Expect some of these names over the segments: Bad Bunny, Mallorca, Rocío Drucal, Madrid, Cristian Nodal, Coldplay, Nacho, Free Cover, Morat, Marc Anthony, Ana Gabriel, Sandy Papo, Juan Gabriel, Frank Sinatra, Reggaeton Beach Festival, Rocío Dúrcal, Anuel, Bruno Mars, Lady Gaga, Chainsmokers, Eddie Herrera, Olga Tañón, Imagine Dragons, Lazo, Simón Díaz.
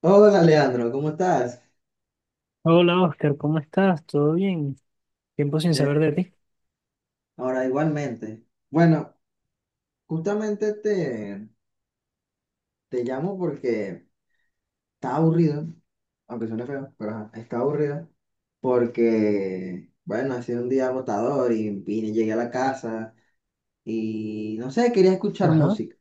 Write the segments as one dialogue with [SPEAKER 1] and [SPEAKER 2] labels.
[SPEAKER 1] Hola Leandro, ¿cómo estás?
[SPEAKER 2] Hola Oscar, ¿cómo estás? ¿Todo bien? Tiempo sin
[SPEAKER 1] Eh,
[SPEAKER 2] saber de ti.
[SPEAKER 1] Ahora igualmente. Bueno, justamente te, Te llamo porque está aburrido, aunque suene feo, pero ajá, está aburrido porque, bueno, ha sido un día agotador y llegué a la casa y no sé, quería escuchar
[SPEAKER 2] Ajá.
[SPEAKER 1] música.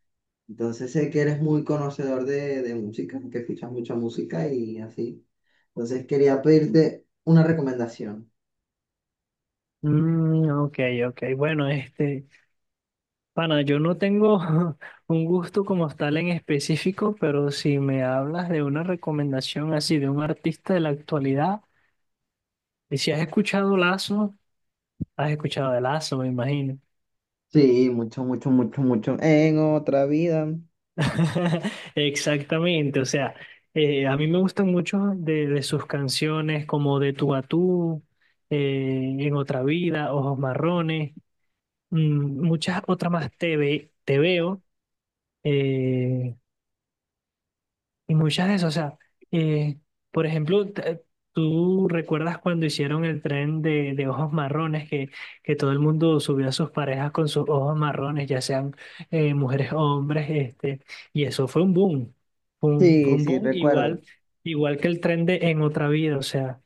[SPEAKER 1] Entonces sé que eres muy conocedor de música, que escuchas mucha música y así. Entonces quería pedirte una recomendación.
[SPEAKER 2] Mm, ok, ok. Bueno, pana, yo no tengo un gusto como tal en específico, pero si me hablas de una recomendación así de un artista de la actualidad, y si has escuchado Lazo, has escuchado de Lazo, me imagino.
[SPEAKER 1] Sí, mucho, mucho, mucho, mucho. En otra vida.
[SPEAKER 2] Exactamente, o sea, a mí me gustan mucho de sus canciones como De tú a tú, En otra vida, Ojos marrones. Muchas otras más te veo eh, y muchas de esas. O sea, eh, por ejemplo, tú recuerdas cuando hicieron el tren de ojos marrones que todo el mundo subió a sus parejas con sus ojos marrones, ya sean mujeres o hombres, y eso fue un boom. Fue
[SPEAKER 1] Sí,
[SPEAKER 2] un
[SPEAKER 1] sí,
[SPEAKER 2] boom
[SPEAKER 1] recuerdo.
[SPEAKER 2] igual, igual que el tren de En Otra Vida. O sea,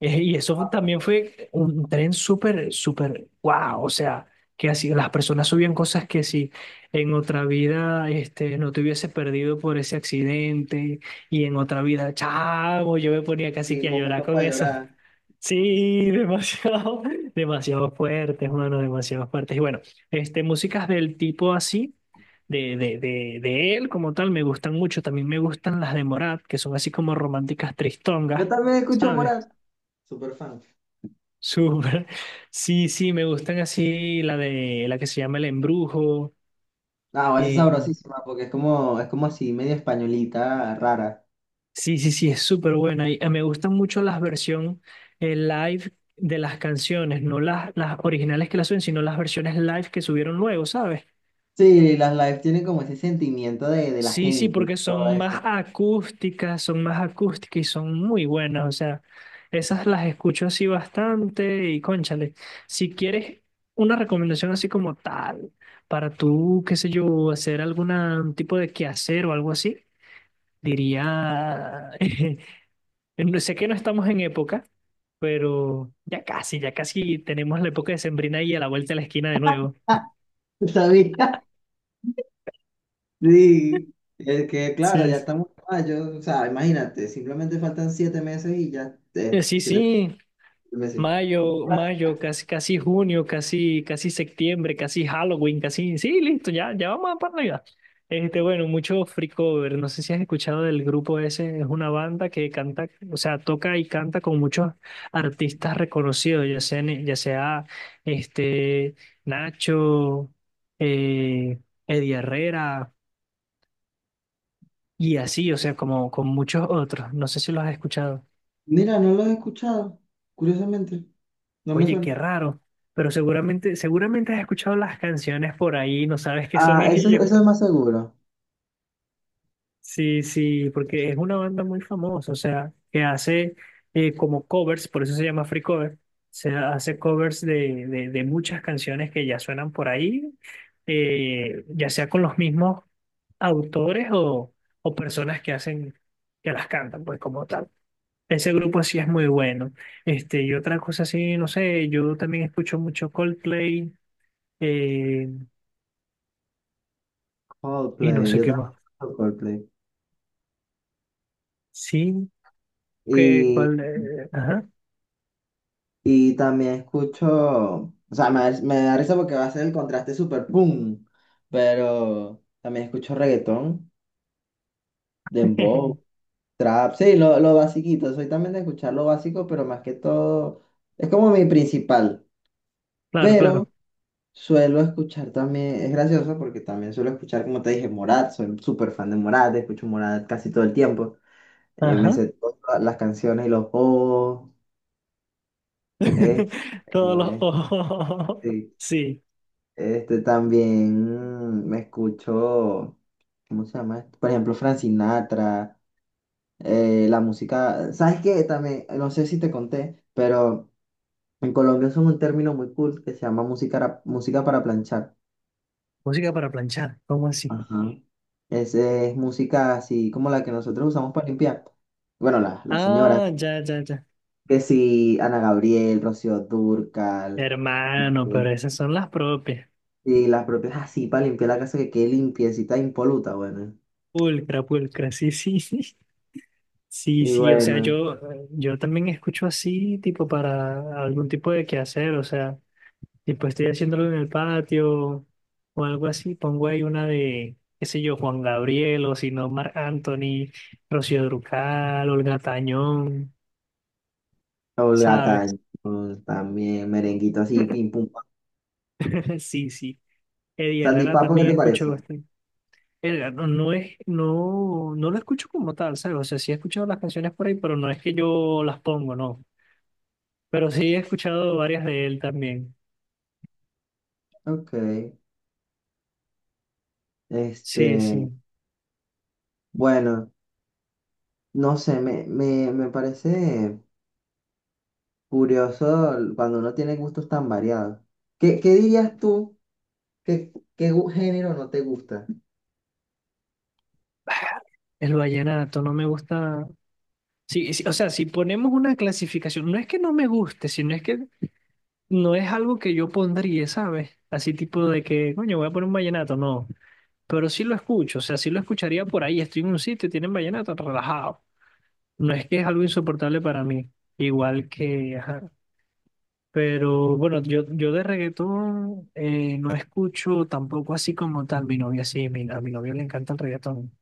[SPEAKER 2] y también fue un tren súper, súper guau. O sea, que así las personas subían cosas que si en otra vida no te hubiese perdido por ese accidente y en otra vida, chavo, yo me ponía casi
[SPEAKER 1] Sí,
[SPEAKER 2] que a llorar
[SPEAKER 1] momentos
[SPEAKER 2] con
[SPEAKER 1] para
[SPEAKER 2] eso.
[SPEAKER 1] llorar.
[SPEAKER 2] Sí, demasiado, demasiado fuertes, mano, demasiado fuertes. Y bueno, músicas del tipo así, de él como tal, me gustan mucho. También me gustan las de Morat, que son así como románticas
[SPEAKER 1] Yo
[SPEAKER 2] tristongas.
[SPEAKER 1] también escucho
[SPEAKER 2] ¿Sabes?
[SPEAKER 1] Morat. Súper fan.
[SPEAKER 2] Súper. Sí, sí, me gustan así la de la que se llama El Embrujo.
[SPEAKER 1] No, esa es
[SPEAKER 2] eh,
[SPEAKER 1] sabrosísima porque es como así, medio españolita, rara.
[SPEAKER 2] sí, sí, sí, es súper buena. Y, me gustan mucho las versiones live de las canciones, no las originales que las suben, sino las versiones live que subieron luego, ¿sabes?
[SPEAKER 1] Sí, las lives tienen como ese sentimiento de la
[SPEAKER 2] Sí, sí,
[SPEAKER 1] gente y
[SPEAKER 2] porque
[SPEAKER 1] todo eso.
[SPEAKER 2] son más acústicas y son muy buenas. O sea, esas las escucho así bastante y cónchale. Si quieres una recomendación así como tal, para tú, qué sé yo, hacer algún tipo de quehacer o algo así, diría, no sé que no estamos en época, pero ya casi tenemos la época de sembrina ahí a la vuelta de la esquina de nuevo.
[SPEAKER 1] Ah, ¿sabía? Sí. Es que, claro, ya
[SPEAKER 2] Sí.
[SPEAKER 1] estamos en mayo. O sea, imagínate, simplemente faltan 7 meses y ya. eh,
[SPEAKER 2] Sí,
[SPEAKER 1] siete
[SPEAKER 2] sí,
[SPEAKER 1] meses.
[SPEAKER 2] mayo, mayo, casi, casi junio, casi, casi septiembre, casi Halloween, casi. Sí, listo, ya, ya vamos para Navidad. Bueno, mucho free cover. No sé si has escuchado del grupo ese. Es una banda que canta, o sea, toca y canta con muchos artistas reconocidos, ya sea este, Nacho, eh, Eddie Herrera y así, o sea, como con muchos otros. No sé si los has escuchado.
[SPEAKER 1] Mira, no los he escuchado, curiosamente. No me
[SPEAKER 2] Oye, qué
[SPEAKER 1] suena.
[SPEAKER 2] raro, pero seguramente, seguramente has escuchado las canciones por ahí, no sabes qué son
[SPEAKER 1] Ah,
[SPEAKER 2] ellos.
[SPEAKER 1] eso es más seguro.
[SPEAKER 2] Sí, sí, porque es una banda muy famosa, o sea, que hace como covers, por eso se llama Free Cover, se hace covers de muchas canciones que ya suenan por ahí, ya sea con los mismos autores o personas que hacen, que las cantan, pues como tal. Ese grupo sí es muy bueno. Y otra cosa así, no sé, yo también escucho mucho Coldplay, Eh, y no
[SPEAKER 1] Coldplay,
[SPEAKER 2] sé
[SPEAKER 1] yo
[SPEAKER 2] qué
[SPEAKER 1] también
[SPEAKER 2] más.
[SPEAKER 1] escucho Coldplay.
[SPEAKER 2] Sí, que
[SPEAKER 1] Y,
[SPEAKER 2] cuál. Ajá.
[SPEAKER 1] y también escucho, o sea, me da risa porque va a ser el contraste super boom, pero también escucho reggaetón, dembow, trap, sí, lo basiquito, soy también de escuchar lo básico, pero más que todo, es como mi principal,
[SPEAKER 2] Claro,
[SPEAKER 1] pero
[SPEAKER 2] claro.
[SPEAKER 1] suelo escuchar también, es gracioso porque también suelo escuchar, como te dije, Morat, soy súper fan de Morat, escucho Morat casi todo el tiempo, me
[SPEAKER 2] Ajá.
[SPEAKER 1] sé todas las canciones y los bobos. Este,
[SPEAKER 2] Todos los ojos.
[SPEAKER 1] este,
[SPEAKER 2] Sí.
[SPEAKER 1] este también me escucho, ¿cómo se llama esto? Por ejemplo, Frank Sinatra, la música, ¿sabes qué? También, no sé si te conté, pero en Colombia usan un término muy cool que se llama música para planchar.
[SPEAKER 2] Música para planchar. ¿Cómo así?
[SPEAKER 1] Ajá. Es música así como la que nosotros usamos para limpiar. Bueno, las señoras,
[SPEAKER 2] Ah, ya, ya, ya.
[SPEAKER 1] que sí, Ana Gabriel, Rocío Dúrcal.
[SPEAKER 2] Hermano, pero esas son las propias.
[SPEAKER 1] Y las propias así para limpiar la casa que quede limpiecita, e impoluta, bueno.
[SPEAKER 2] Pulcra, pulcra. Sí, sí, sí. Sí,
[SPEAKER 1] Y
[SPEAKER 2] sí. O sea,
[SPEAKER 1] bueno,
[SPEAKER 2] yo también escucho así, tipo, para algún tipo de quehacer. O sea. Y pues estoy haciéndolo en el patio o algo así, pongo ahí una de, qué sé yo, Juan Gabriel o si no, Marc Anthony, Rocío Drucal, Olga Tañón, ¿sabes?
[SPEAKER 1] Olgataño también, merenguito así, pim pum pam.
[SPEAKER 2] Sí, sí. Eddie
[SPEAKER 1] Sandy
[SPEAKER 2] Herrera
[SPEAKER 1] Papo, ¿qué
[SPEAKER 2] también
[SPEAKER 1] te
[SPEAKER 2] escucho
[SPEAKER 1] parece?
[SPEAKER 2] bastante. Verga, no, no es, no, no lo escucho como tal, ¿sabes? O sea, sí he escuchado las canciones por ahí, pero no es que yo las pongo, no. Pero sí he escuchado varias de él también.
[SPEAKER 1] Ok. Este,
[SPEAKER 2] Sí, sí.
[SPEAKER 1] bueno, no sé, me parece curioso cuando uno tiene gustos tan variados. ¿Qué dirías tú? Género no te gusta?
[SPEAKER 2] El vallenato no me gusta, sí, sí, o sea, si ponemos una clasificación, no es que no me guste, sino es que no es algo que yo pondría, ¿sabes? Así tipo de que, coño, voy a poner un vallenato, no. Pero sí lo escucho, o sea, sí lo escucharía por ahí, estoy en un sitio y tienen vallenato relajado. No es que es algo insoportable para mí, igual que, ajá. Pero bueno, yo de reggaetón no escucho tampoco así como tal. Mi novia sí, a mi novia le encanta el reggaetón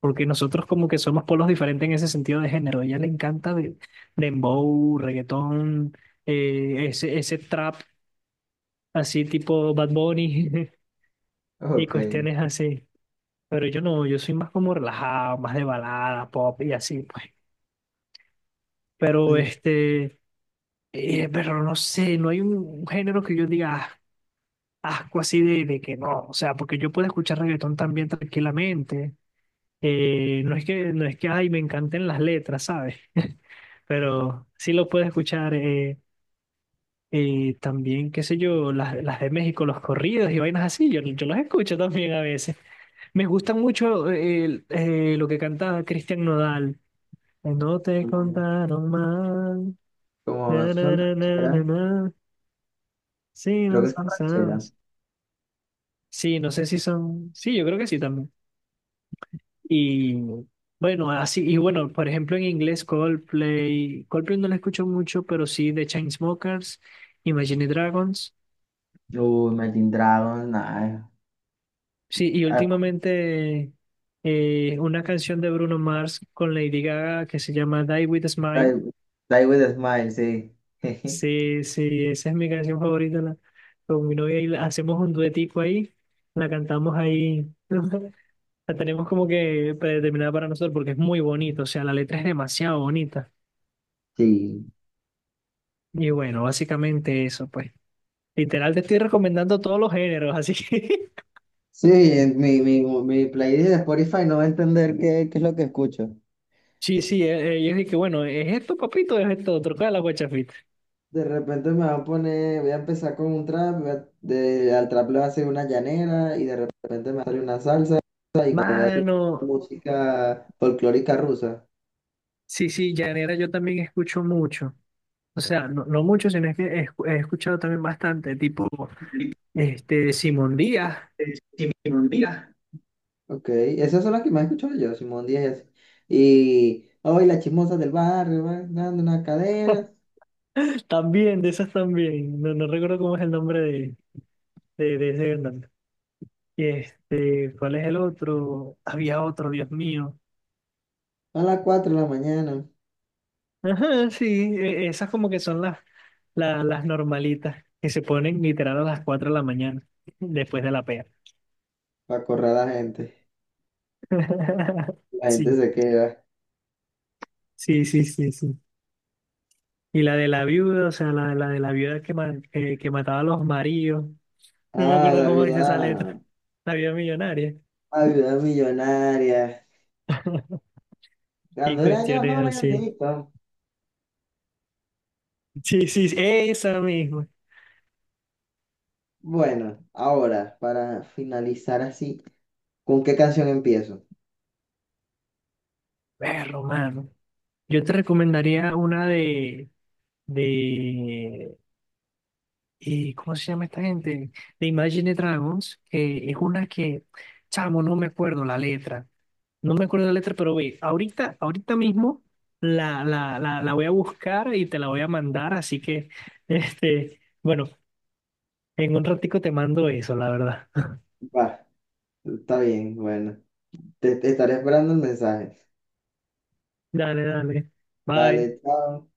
[SPEAKER 2] porque nosotros como que somos polos diferentes en ese sentido de género. A ella le encanta dembow, reggaetón, ese trap así tipo Bad Bunny y
[SPEAKER 1] Ok.
[SPEAKER 2] cuestiones así. Pero yo no, yo soy más como relajado, más de balada, pop y así, pues. Pero
[SPEAKER 1] Mm,
[SPEAKER 2] este, pero no sé, no hay un género que yo diga "Ah, asco así de que no". O sea, porque yo puedo escuchar reggaetón también tranquilamente. No es que, ay, me encanten las letras, ¿sabes? Pero sí lo puedes escuchar también, qué sé yo, las de México, los corridos y vainas así, yo los escucho también a veces. Me gustan mucho lo que cantaba Cristian Nodal, no te
[SPEAKER 1] Como,
[SPEAKER 2] contaron mal,
[SPEAKER 1] como
[SPEAKER 2] na,
[SPEAKER 1] son
[SPEAKER 2] na, na, na, na,
[SPEAKER 1] rancheras,
[SPEAKER 2] na, sí,
[SPEAKER 1] creo
[SPEAKER 2] no
[SPEAKER 1] que son
[SPEAKER 2] sé,
[SPEAKER 1] rancheras.
[SPEAKER 2] sabes. Sí, no sé si son, sí, yo creo que sí también. Y bueno, así, y bueno, por ejemplo en inglés Coldplay, no lo escucho mucho, pero sí de Chainsmokers. Imagine Dragons.
[SPEAKER 1] Uy, Imagine Dragons, nada.
[SPEAKER 2] Sí, y últimamente una canción de Bruno Mars con Lady Gaga que se llama Die With a Smile.
[SPEAKER 1] Die, Die with a Smile, sí.
[SPEAKER 2] Sí, sí, esa es mi canción favorita con mi novia y hacemos un duetico ahí, la cantamos ahí, la tenemos como que predeterminada para nosotros porque es muy bonito, o sea, la letra es demasiado bonita.
[SPEAKER 1] Sí.
[SPEAKER 2] Y bueno, básicamente eso, pues. Literal, te estoy recomendando todos los géneros, así que...
[SPEAKER 1] Sí, en mi playlist de Spotify no va a entender qué es lo que escucho.
[SPEAKER 2] Sí, sí, yo dije que bueno, es esto, papito, es esto, otro, ¿cuál es la guachafita?
[SPEAKER 1] De repente me va a poner, voy a empezar con un trap, al trap le va a hacer una llanera y de repente me va a salir una salsa y voy a escuchar
[SPEAKER 2] Mano.
[SPEAKER 1] música folclórica rusa.
[SPEAKER 2] Sí, sí, llanera yo también escucho mucho. O sea, no, no mucho, sino es que he escuchado también bastante, tipo este Simón Díaz,
[SPEAKER 1] Ok, esas son las que más escucho yo, Simón Díaz y así. Y hoy las chismosas del barrio van dando una cadena
[SPEAKER 2] también, de esas también. No, no recuerdo cómo es el nombre de ese cantante. Y ¿cuál es el otro? Había otro, Dios mío.
[SPEAKER 1] a las 4 de la mañana
[SPEAKER 2] Ajá, sí, esas como que son las normalitas que se ponen literal a las 4 de la mañana, después de la pea.
[SPEAKER 1] para correr a la gente. La gente
[SPEAKER 2] Sí,
[SPEAKER 1] se queda.
[SPEAKER 2] sí, sí, sí, sí. Y la de la viuda, o sea, la de la viuda que mataba a los maridos. No me
[SPEAKER 1] Ah,
[SPEAKER 2] acuerdo cómo dice esa letra. La viuda millonaria.
[SPEAKER 1] la vida millonaria.
[SPEAKER 2] Y
[SPEAKER 1] Cuando era yo
[SPEAKER 2] cuestiones
[SPEAKER 1] joven,
[SPEAKER 2] así.
[SPEAKER 1] rico.
[SPEAKER 2] Sí, sí, sí, esa misma.
[SPEAKER 1] Bueno, ahora, para finalizar así, ¿con qué canción empiezo?
[SPEAKER 2] Perro, mano. Yo te recomendaría una de, ¿cómo se llama esta gente? De Imagine Dragons, que es una que, chamo, no me acuerdo la letra. No me acuerdo la letra, pero güey, ahorita, ahorita mismo la voy a buscar y te la voy a mandar, así que, bueno, en un ratico te mando eso, la verdad.
[SPEAKER 1] Va, está bien, bueno. Te estaré esperando el mensaje.
[SPEAKER 2] Dale, dale. Bye.
[SPEAKER 1] Dale, chao.